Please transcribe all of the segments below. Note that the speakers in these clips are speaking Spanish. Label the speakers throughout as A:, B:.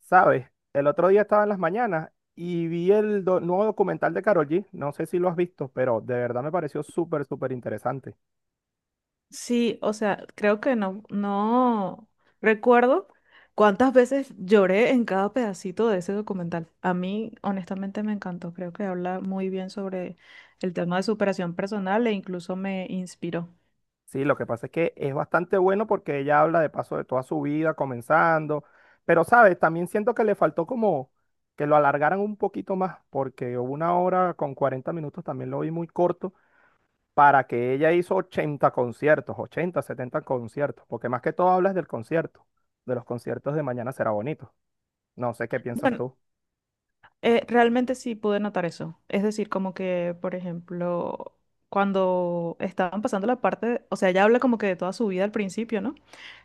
A: ¿Sabes? El otro día estaba en las mañanas y vi el nuevo documental de Karol G. No sé si lo has visto, pero de verdad me pareció súper, súper interesante.
B: Sí, o sea, creo que no recuerdo cuántas veces lloré en cada pedacito de ese documental. A mí, honestamente, me encantó. Creo que habla muy bien sobre el tema de superación personal e incluso me inspiró.
A: Sí, lo que pasa es que es bastante bueno porque ella habla de paso de toda su vida, comenzando. Pero, ¿sabes? También siento que le faltó como que lo alargaran un poquito más, porque una hora con 40 minutos también lo vi muy corto para que ella hizo 80 conciertos, 80, 70 conciertos, porque más que todo hablas del concierto, de los conciertos de Mañana Será Bonito. No sé qué piensas
B: Bueno,
A: tú.
B: realmente sí pude notar eso. Es decir, como que, por ejemplo, cuando estaban pasando la parte, o sea, ella habla como que de toda su vida al principio, ¿no?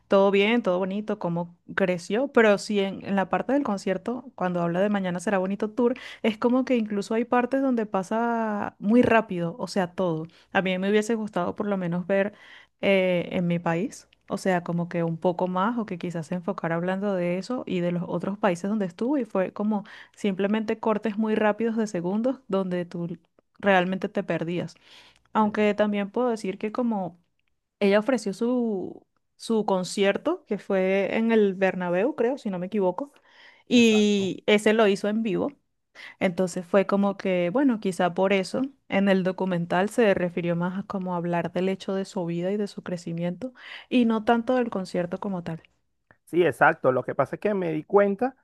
B: Todo bien, todo bonito, cómo creció, pero sí en la parte del concierto, cuando habla de Mañana Será Bonito Tour, es como que incluso hay partes donde pasa muy rápido, o sea, todo. A mí me hubiese gustado por lo menos ver en mi país, o sea, como que un poco más o que quizás se enfocara hablando de eso y de los otros países donde estuvo y fue como simplemente cortes muy rápidos de segundos donde tú realmente te perdías.
A: Sí,
B: Aunque también puedo decir que como... ella ofreció su concierto, que fue en el Bernabéu, creo, si no me equivoco,
A: exacto.
B: y ese lo hizo en vivo. Entonces fue como que, bueno, quizá por eso en el documental se refirió más a como hablar del hecho de su vida y de su crecimiento, y no tanto del concierto como tal.
A: Sí, exacto. Lo que pasa es que me di cuenta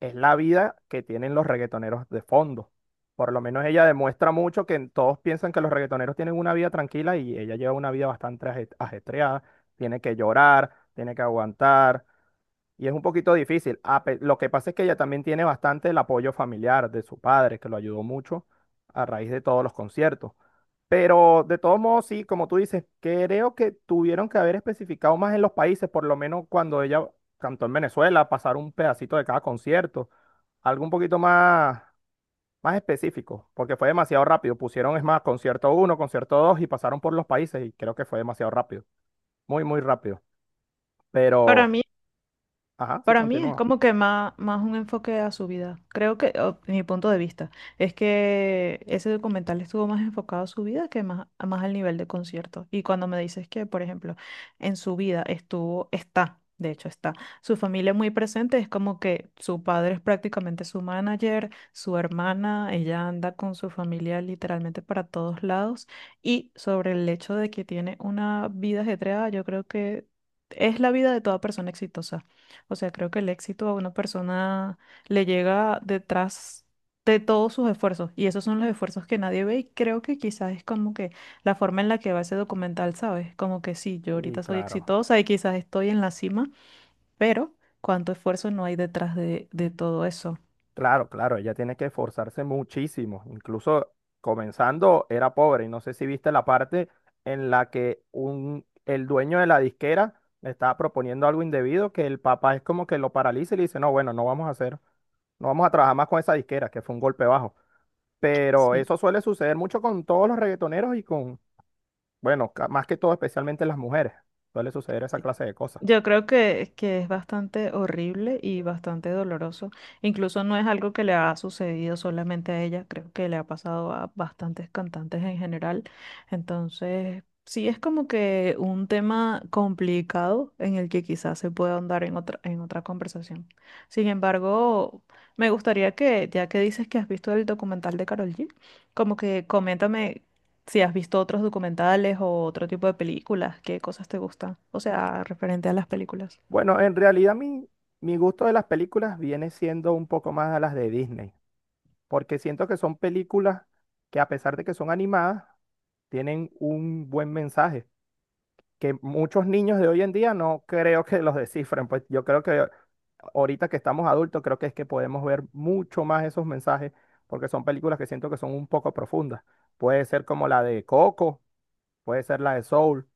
A: es la vida que tienen los reggaetoneros de fondo. Por lo menos ella demuestra mucho que todos piensan que los reggaetoneros tienen una vida tranquila y ella lleva una vida bastante ajetreada. Tiene que llorar, tiene que aguantar, y es un poquito difícil. Lo que pasa es que ella también tiene bastante el apoyo familiar de su padre, que lo ayudó mucho a raíz de todos los conciertos. Pero de todos modos, sí, como tú dices, creo que tuvieron que haber especificado más en los países, por lo menos cuando ella cantó en Venezuela, pasar un pedacito de cada concierto, algo un poquito más, más específico, porque fue demasiado rápido. Pusieron, es más, concierto uno, concierto dos y pasaron por los países y creo que fue demasiado rápido, muy, muy rápido.
B: Para
A: Pero,
B: mí
A: ajá, sí
B: Para mí es
A: continúa.
B: como que más un enfoque a su vida. Creo que, o mi punto de vista, es que ese documental estuvo más enfocado a su vida que más al nivel de concierto. Y cuando me dices que, por ejemplo, en su vida estuvo, está, de hecho está, su familia muy presente, es como que su padre es prácticamente su manager, su hermana, ella anda con su familia literalmente para todos lados. Y sobre el hecho de que tiene una vida ajetreada, yo creo que... es la vida de toda persona exitosa. O sea, creo que el éxito a una persona le llega detrás de todos sus esfuerzos y esos son los esfuerzos que nadie ve y creo que quizás es como que la forma en la que va ese documental, ¿sabes? Como que sí, yo
A: Sí,
B: ahorita soy
A: claro.
B: exitosa y quizás estoy en la cima, pero cuánto esfuerzo no hay detrás de todo eso.
A: Claro, claro, ella tiene que esforzarse muchísimo. Incluso comenzando era pobre. Y no sé si viste la parte en la que un, el dueño de la disquera le estaba proponiendo algo indebido, que el papá es como que lo paraliza y le dice, no, bueno, no vamos a hacer, no vamos a trabajar más con esa disquera, que fue un golpe bajo. Pero
B: Sí.
A: eso suele suceder mucho con todos los reggaetoneros y con, bueno, más que todo especialmente las mujeres. Suele suceder esa
B: Sí.
A: clase de cosas.
B: Yo creo que es bastante horrible y bastante doloroso. Incluso no es algo que le ha sucedido solamente a ella, creo que le ha pasado a bastantes cantantes en general. Entonces, sí es como que un tema complicado en el que quizás se pueda ahondar en otra conversación. Sin embargo, me gustaría que, ya que dices que has visto el documental de Karol G, como que coméntame si has visto otros documentales o otro tipo de películas, ¿qué cosas te gustan? O sea, referente a las películas.
A: Bueno, en realidad mi gusto de las películas viene siendo un poco más a las de Disney, porque siento que son películas que a pesar de que son animadas, tienen un buen mensaje, que muchos niños de hoy en día no creo que los descifren, pues yo creo que ahorita que estamos adultos, creo que es que podemos ver mucho más esos mensajes, porque son películas que siento que son un poco profundas. Puede ser como la de Coco, puede ser la de Soul,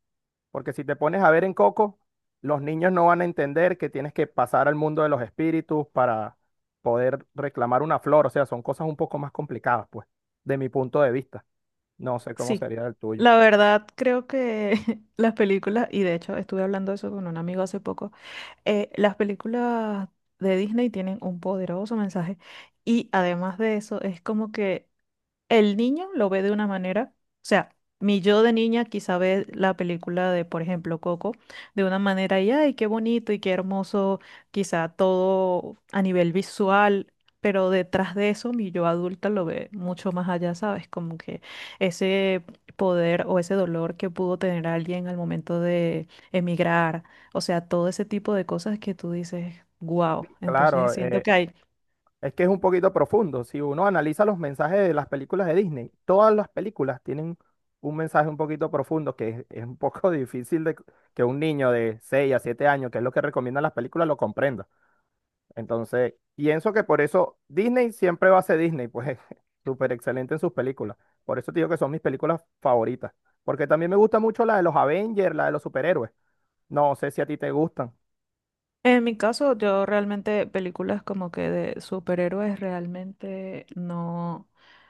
A: porque si te pones a ver en Coco, los niños no van a entender que tienes que pasar al mundo de los espíritus para poder reclamar una flor. O sea, son cosas un poco más complicadas, pues, de mi punto de vista. No sé cómo
B: Sí,
A: sería el tuyo.
B: la verdad creo que las películas, y de hecho estuve hablando de eso con un amigo hace poco, las películas de Disney tienen un poderoso mensaje y además de eso es como que el niño lo ve de una manera, o sea, mi yo de niña quizá ve la película de, por ejemplo, Coco, de una manera y, ay, qué bonito y qué hermoso, quizá todo a nivel visual, pero detrás de eso mi yo adulta lo ve mucho más allá, ¿sabes? Como que ese poder o ese dolor que pudo tener alguien al momento de emigrar, o sea, todo ese tipo de cosas que tú dices, wow, entonces
A: Claro,
B: siento que hay...
A: es que es un poquito profundo. Si uno analiza los mensajes de las películas de Disney, todas las películas tienen un mensaje un poquito profundo que es un poco difícil de que un niño de 6 a 7 años, que es lo que recomiendan las películas, lo comprenda. Entonces, pienso que por eso Disney siempre va a ser Disney, pues súper excelente en sus películas. Por eso te digo que son mis películas favoritas. Porque también me gusta mucho la de los Avengers, la de los superhéroes. No sé si a ti te gustan.
B: En mi caso, yo realmente películas como que de superhéroes realmente no,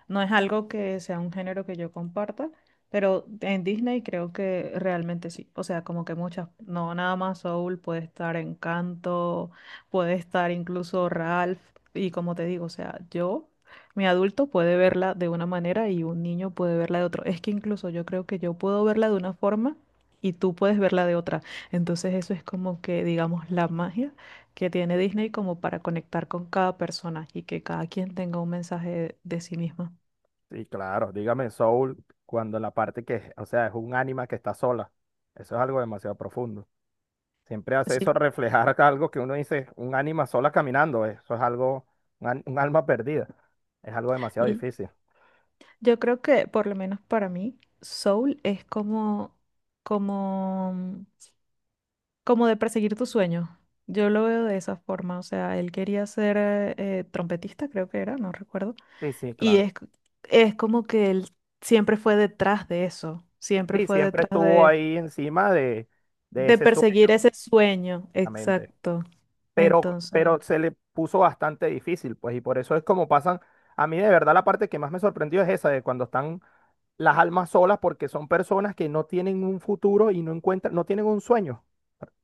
B: no es algo que sea un género que yo comparta, pero en Disney creo que realmente sí. O sea, como que muchas, no nada más Soul, puede estar Encanto, puede estar incluso Ralph, y como te digo, o sea, yo, mi adulto puede verla de una manera y un niño puede verla de otro. Es que incluso yo creo que yo puedo verla de una forma y tú puedes verla de otra. Entonces eso es como que, digamos, la magia que tiene Disney como para conectar con cada persona y que cada quien tenga un mensaje de sí misma.
A: Sí, claro, dígame Soul, cuando la parte que, o sea, es un ánima que está sola. Eso es algo demasiado profundo. Siempre hace
B: Sí,
A: eso reflejar algo que uno dice, un ánima sola caminando. Eso es algo, un alma perdida. Es algo demasiado
B: y
A: difícil.
B: yo creo que por lo menos para mí, Soul es como, como de perseguir tu sueño. Yo lo veo de esa forma, o sea, él quería ser trompetista, creo que era, no recuerdo,
A: Sí, sí,
B: y
A: claro.
B: es como que él siempre fue detrás de eso, siempre
A: Sí,
B: fue
A: siempre
B: detrás
A: estuvo
B: de...
A: ahí encima de
B: de
A: ese
B: perseguir
A: sueño,
B: ese sueño,
A: exactamente.
B: exacto.
A: Pero,
B: Entonces,
A: pero se le puso bastante difícil, pues, y por eso es como pasan. A mí, de verdad, la parte que más me sorprendió es esa, de cuando están las almas solas, porque son personas que no tienen un futuro y no encuentran, no tienen un sueño.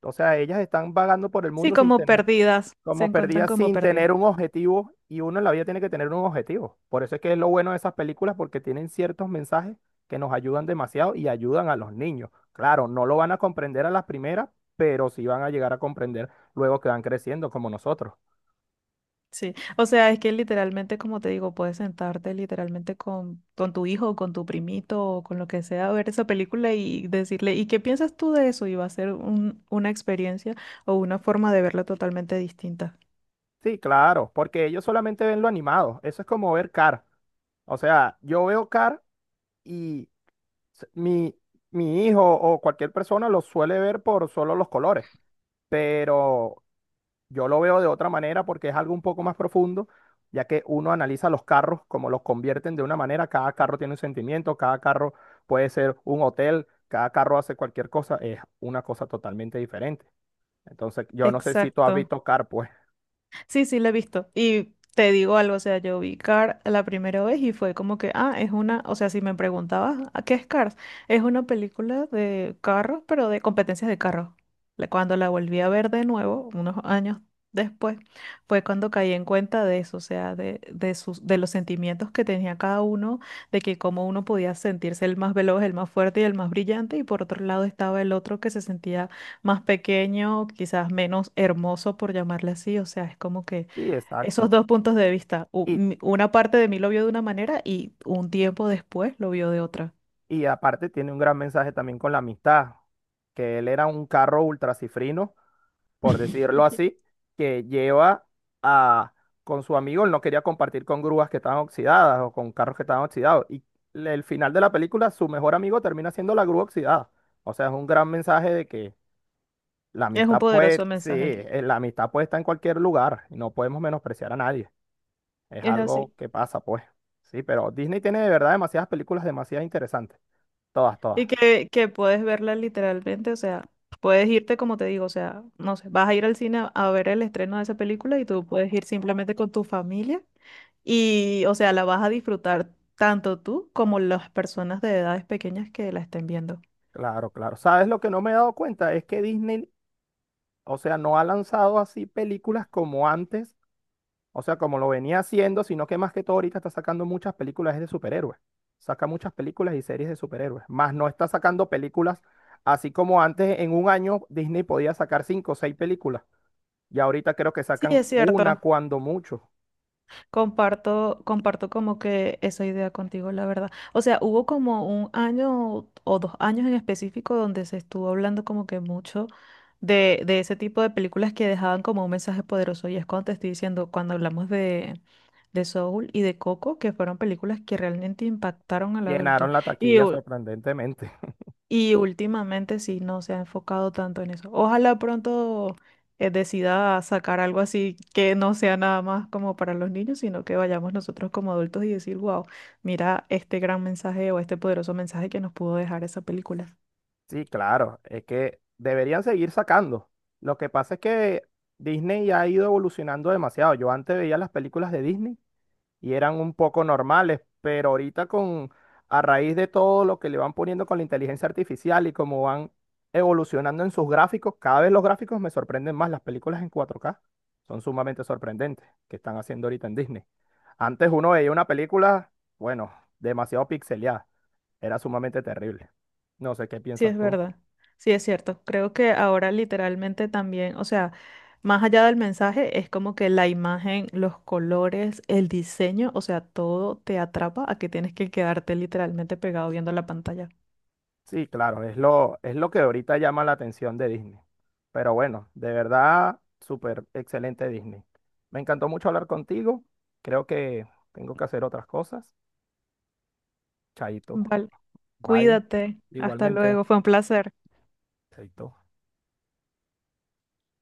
A: O sea, ellas están vagando por el
B: sí,
A: mundo sin
B: como
A: tener.
B: perdidas, se
A: Como
B: encuentran
A: perdida
B: como
A: sin tener
B: perdidas.
A: un objetivo, y uno en la vida tiene que tener un objetivo. Por eso es que es lo bueno de esas películas, porque tienen ciertos mensajes que nos ayudan demasiado y ayudan a los niños. Claro, no lo van a comprender a las primeras, pero sí van a llegar a comprender luego que van creciendo como nosotros.
B: Sí, o sea, es que literalmente, como te digo, puedes sentarte literalmente con tu hijo, con tu primito o con lo que sea, a ver esa película y decirle, ¿y qué piensas tú de eso? Y va a ser un- una experiencia o una forma de verla totalmente distinta.
A: Sí, claro, porque ellos solamente ven lo animado. Eso es como ver Car. O sea, yo veo Car y s- mi, mi hijo o cualquier persona lo suele ver por solo los colores. Pero yo lo veo de otra manera porque es algo un poco más profundo, ya que uno analiza los carros como los convierten de una manera, cada carro tiene un sentimiento, cada carro puede ser un hotel, cada carro hace cualquier cosa, es una cosa totalmente diferente. Entonces, yo no sé si tú has
B: Exacto.
A: visto Car, pues.
B: Sí, sí, la he visto. Y te digo algo, o sea, yo vi Cars la primera vez y fue como que, ah, es una, o sea, si me preguntabas, ¿a ¿qué es Cars? Es una película de carros, pero de competencias de carros. La- cuando la volví a ver de nuevo, unos años después, fue cuando caí en cuenta de eso, o sea, de sus, de los sentimientos que tenía cada uno, de que cómo uno podía sentirse el más veloz, el más fuerte y el más brillante, y por otro lado estaba el otro que se sentía más pequeño, quizás menos hermoso, por llamarle así. O sea, es como que
A: Sí,
B: esos
A: exacto.
B: dos puntos de vista, u-
A: Y,
B: mi- una parte de mí lo vio de una manera y un tiempo después lo vio de otra.
A: y aparte tiene un gran mensaje también con la amistad, que él era un carro ultracifrino por decirlo así, que lleva a, con su amigo, él no quería compartir con grúas que estaban oxidadas o con carros que estaban oxidados. Y el final de la película, su mejor amigo termina siendo la grúa oxidada. O sea, es un gran mensaje de que la
B: Es un
A: amistad
B: poderoso
A: puede, sí,
B: mensaje,
A: la amistad puede estar en cualquier lugar y no podemos menospreciar a nadie. Es
B: es así.
A: algo que pasa, pues. Sí, pero Disney tiene de verdad demasiadas películas demasiado interesantes. Todas, todas.
B: Y que puedes verla literalmente, o sea, puedes irte como te digo, o sea, no sé, vas a ir al cine a ver el estreno de esa película y tú puedes ir simplemente con tu familia y, o sea, la vas a disfrutar tanto tú como las personas de edades pequeñas que la estén viendo.
A: Claro, claro. ¿Sabes lo que no me he dado cuenta? Es que Disney, o sea, no ha lanzado así películas como antes. O sea, como lo venía haciendo, sino que más que todo ahorita está sacando muchas películas de superhéroes. Saca muchas películas y series de superhéroes. Más no está sacando películas, así como antes en un año Disney podía sacar cinco o seis películas. Y ahorita creo que
B: Sí,
A: sacan
B: es
A: una
B: cierto.
A: cuando mucho.
B: Comparto como que esa idea contigo, la verdad. O sea, hubo como un año o dos años en específico donde se estuvo hablando como que mucho de ese tipo de películas que dejaban como un mensaje poderoso. Y es cuando te estoy diciendo, cuando hablamos de Soul y de Coco, que fueron películas que realmente impactaron al adulto.
A: Llenaron la
B: Y,
A: taquilla sorprendentemente.
B: y últimamente sí, no se ha enfocado tanto en eso. Ojalá pronto decida sacar algo así que no sea nada más como para los niños, sino que vayamos nosotros como adultos y decir, wow, mira este gran mensaje o este poderoso mensaje que nos pudo dejar esa película.
A: Sí, claro, es que deberían seguir sacando. Lo que pasa es que Disney ya ha ido evolucionando demasiado. Yo antes veía las películas de Disney y eran un poco normales, pero ahorita a raíz de todo lo que le van poniendo con la inteligencia artificial y cómo van evolucionando en sus gráficos, cada vez los gráficos me sorprenden más. Las películas en 4K son sumamente sorprendentes que están haciendo ahorita en Disney. Antes uno veía una película, bueno, demasiado pixeleada, era sumamente terrible. No sé qué
B: Sí,
A: piensas
B: es
A: tú.
B: verdad. Sí, es cierto. Creo que ahora literalmente también, o sea, más allá del mensaje, es como que la imagen, los colores, el diseño, o sea, todo te atrapa a que tienes que quedarte literalmente pegado viendo la pantalla.
A: Sí, claro, es lo que ahorita llama la atención de Disney. Pero bueno, de verdad, súper excelente Disney. Me encantó mucho hablar contigo. Creo que tengo que hacer otras cosas. Chaito.
B: Vale.
A: Bye.
B: Cuídate. Hasta
A: Igualmente.
B: luego. Fue un placer.
A: Chaito.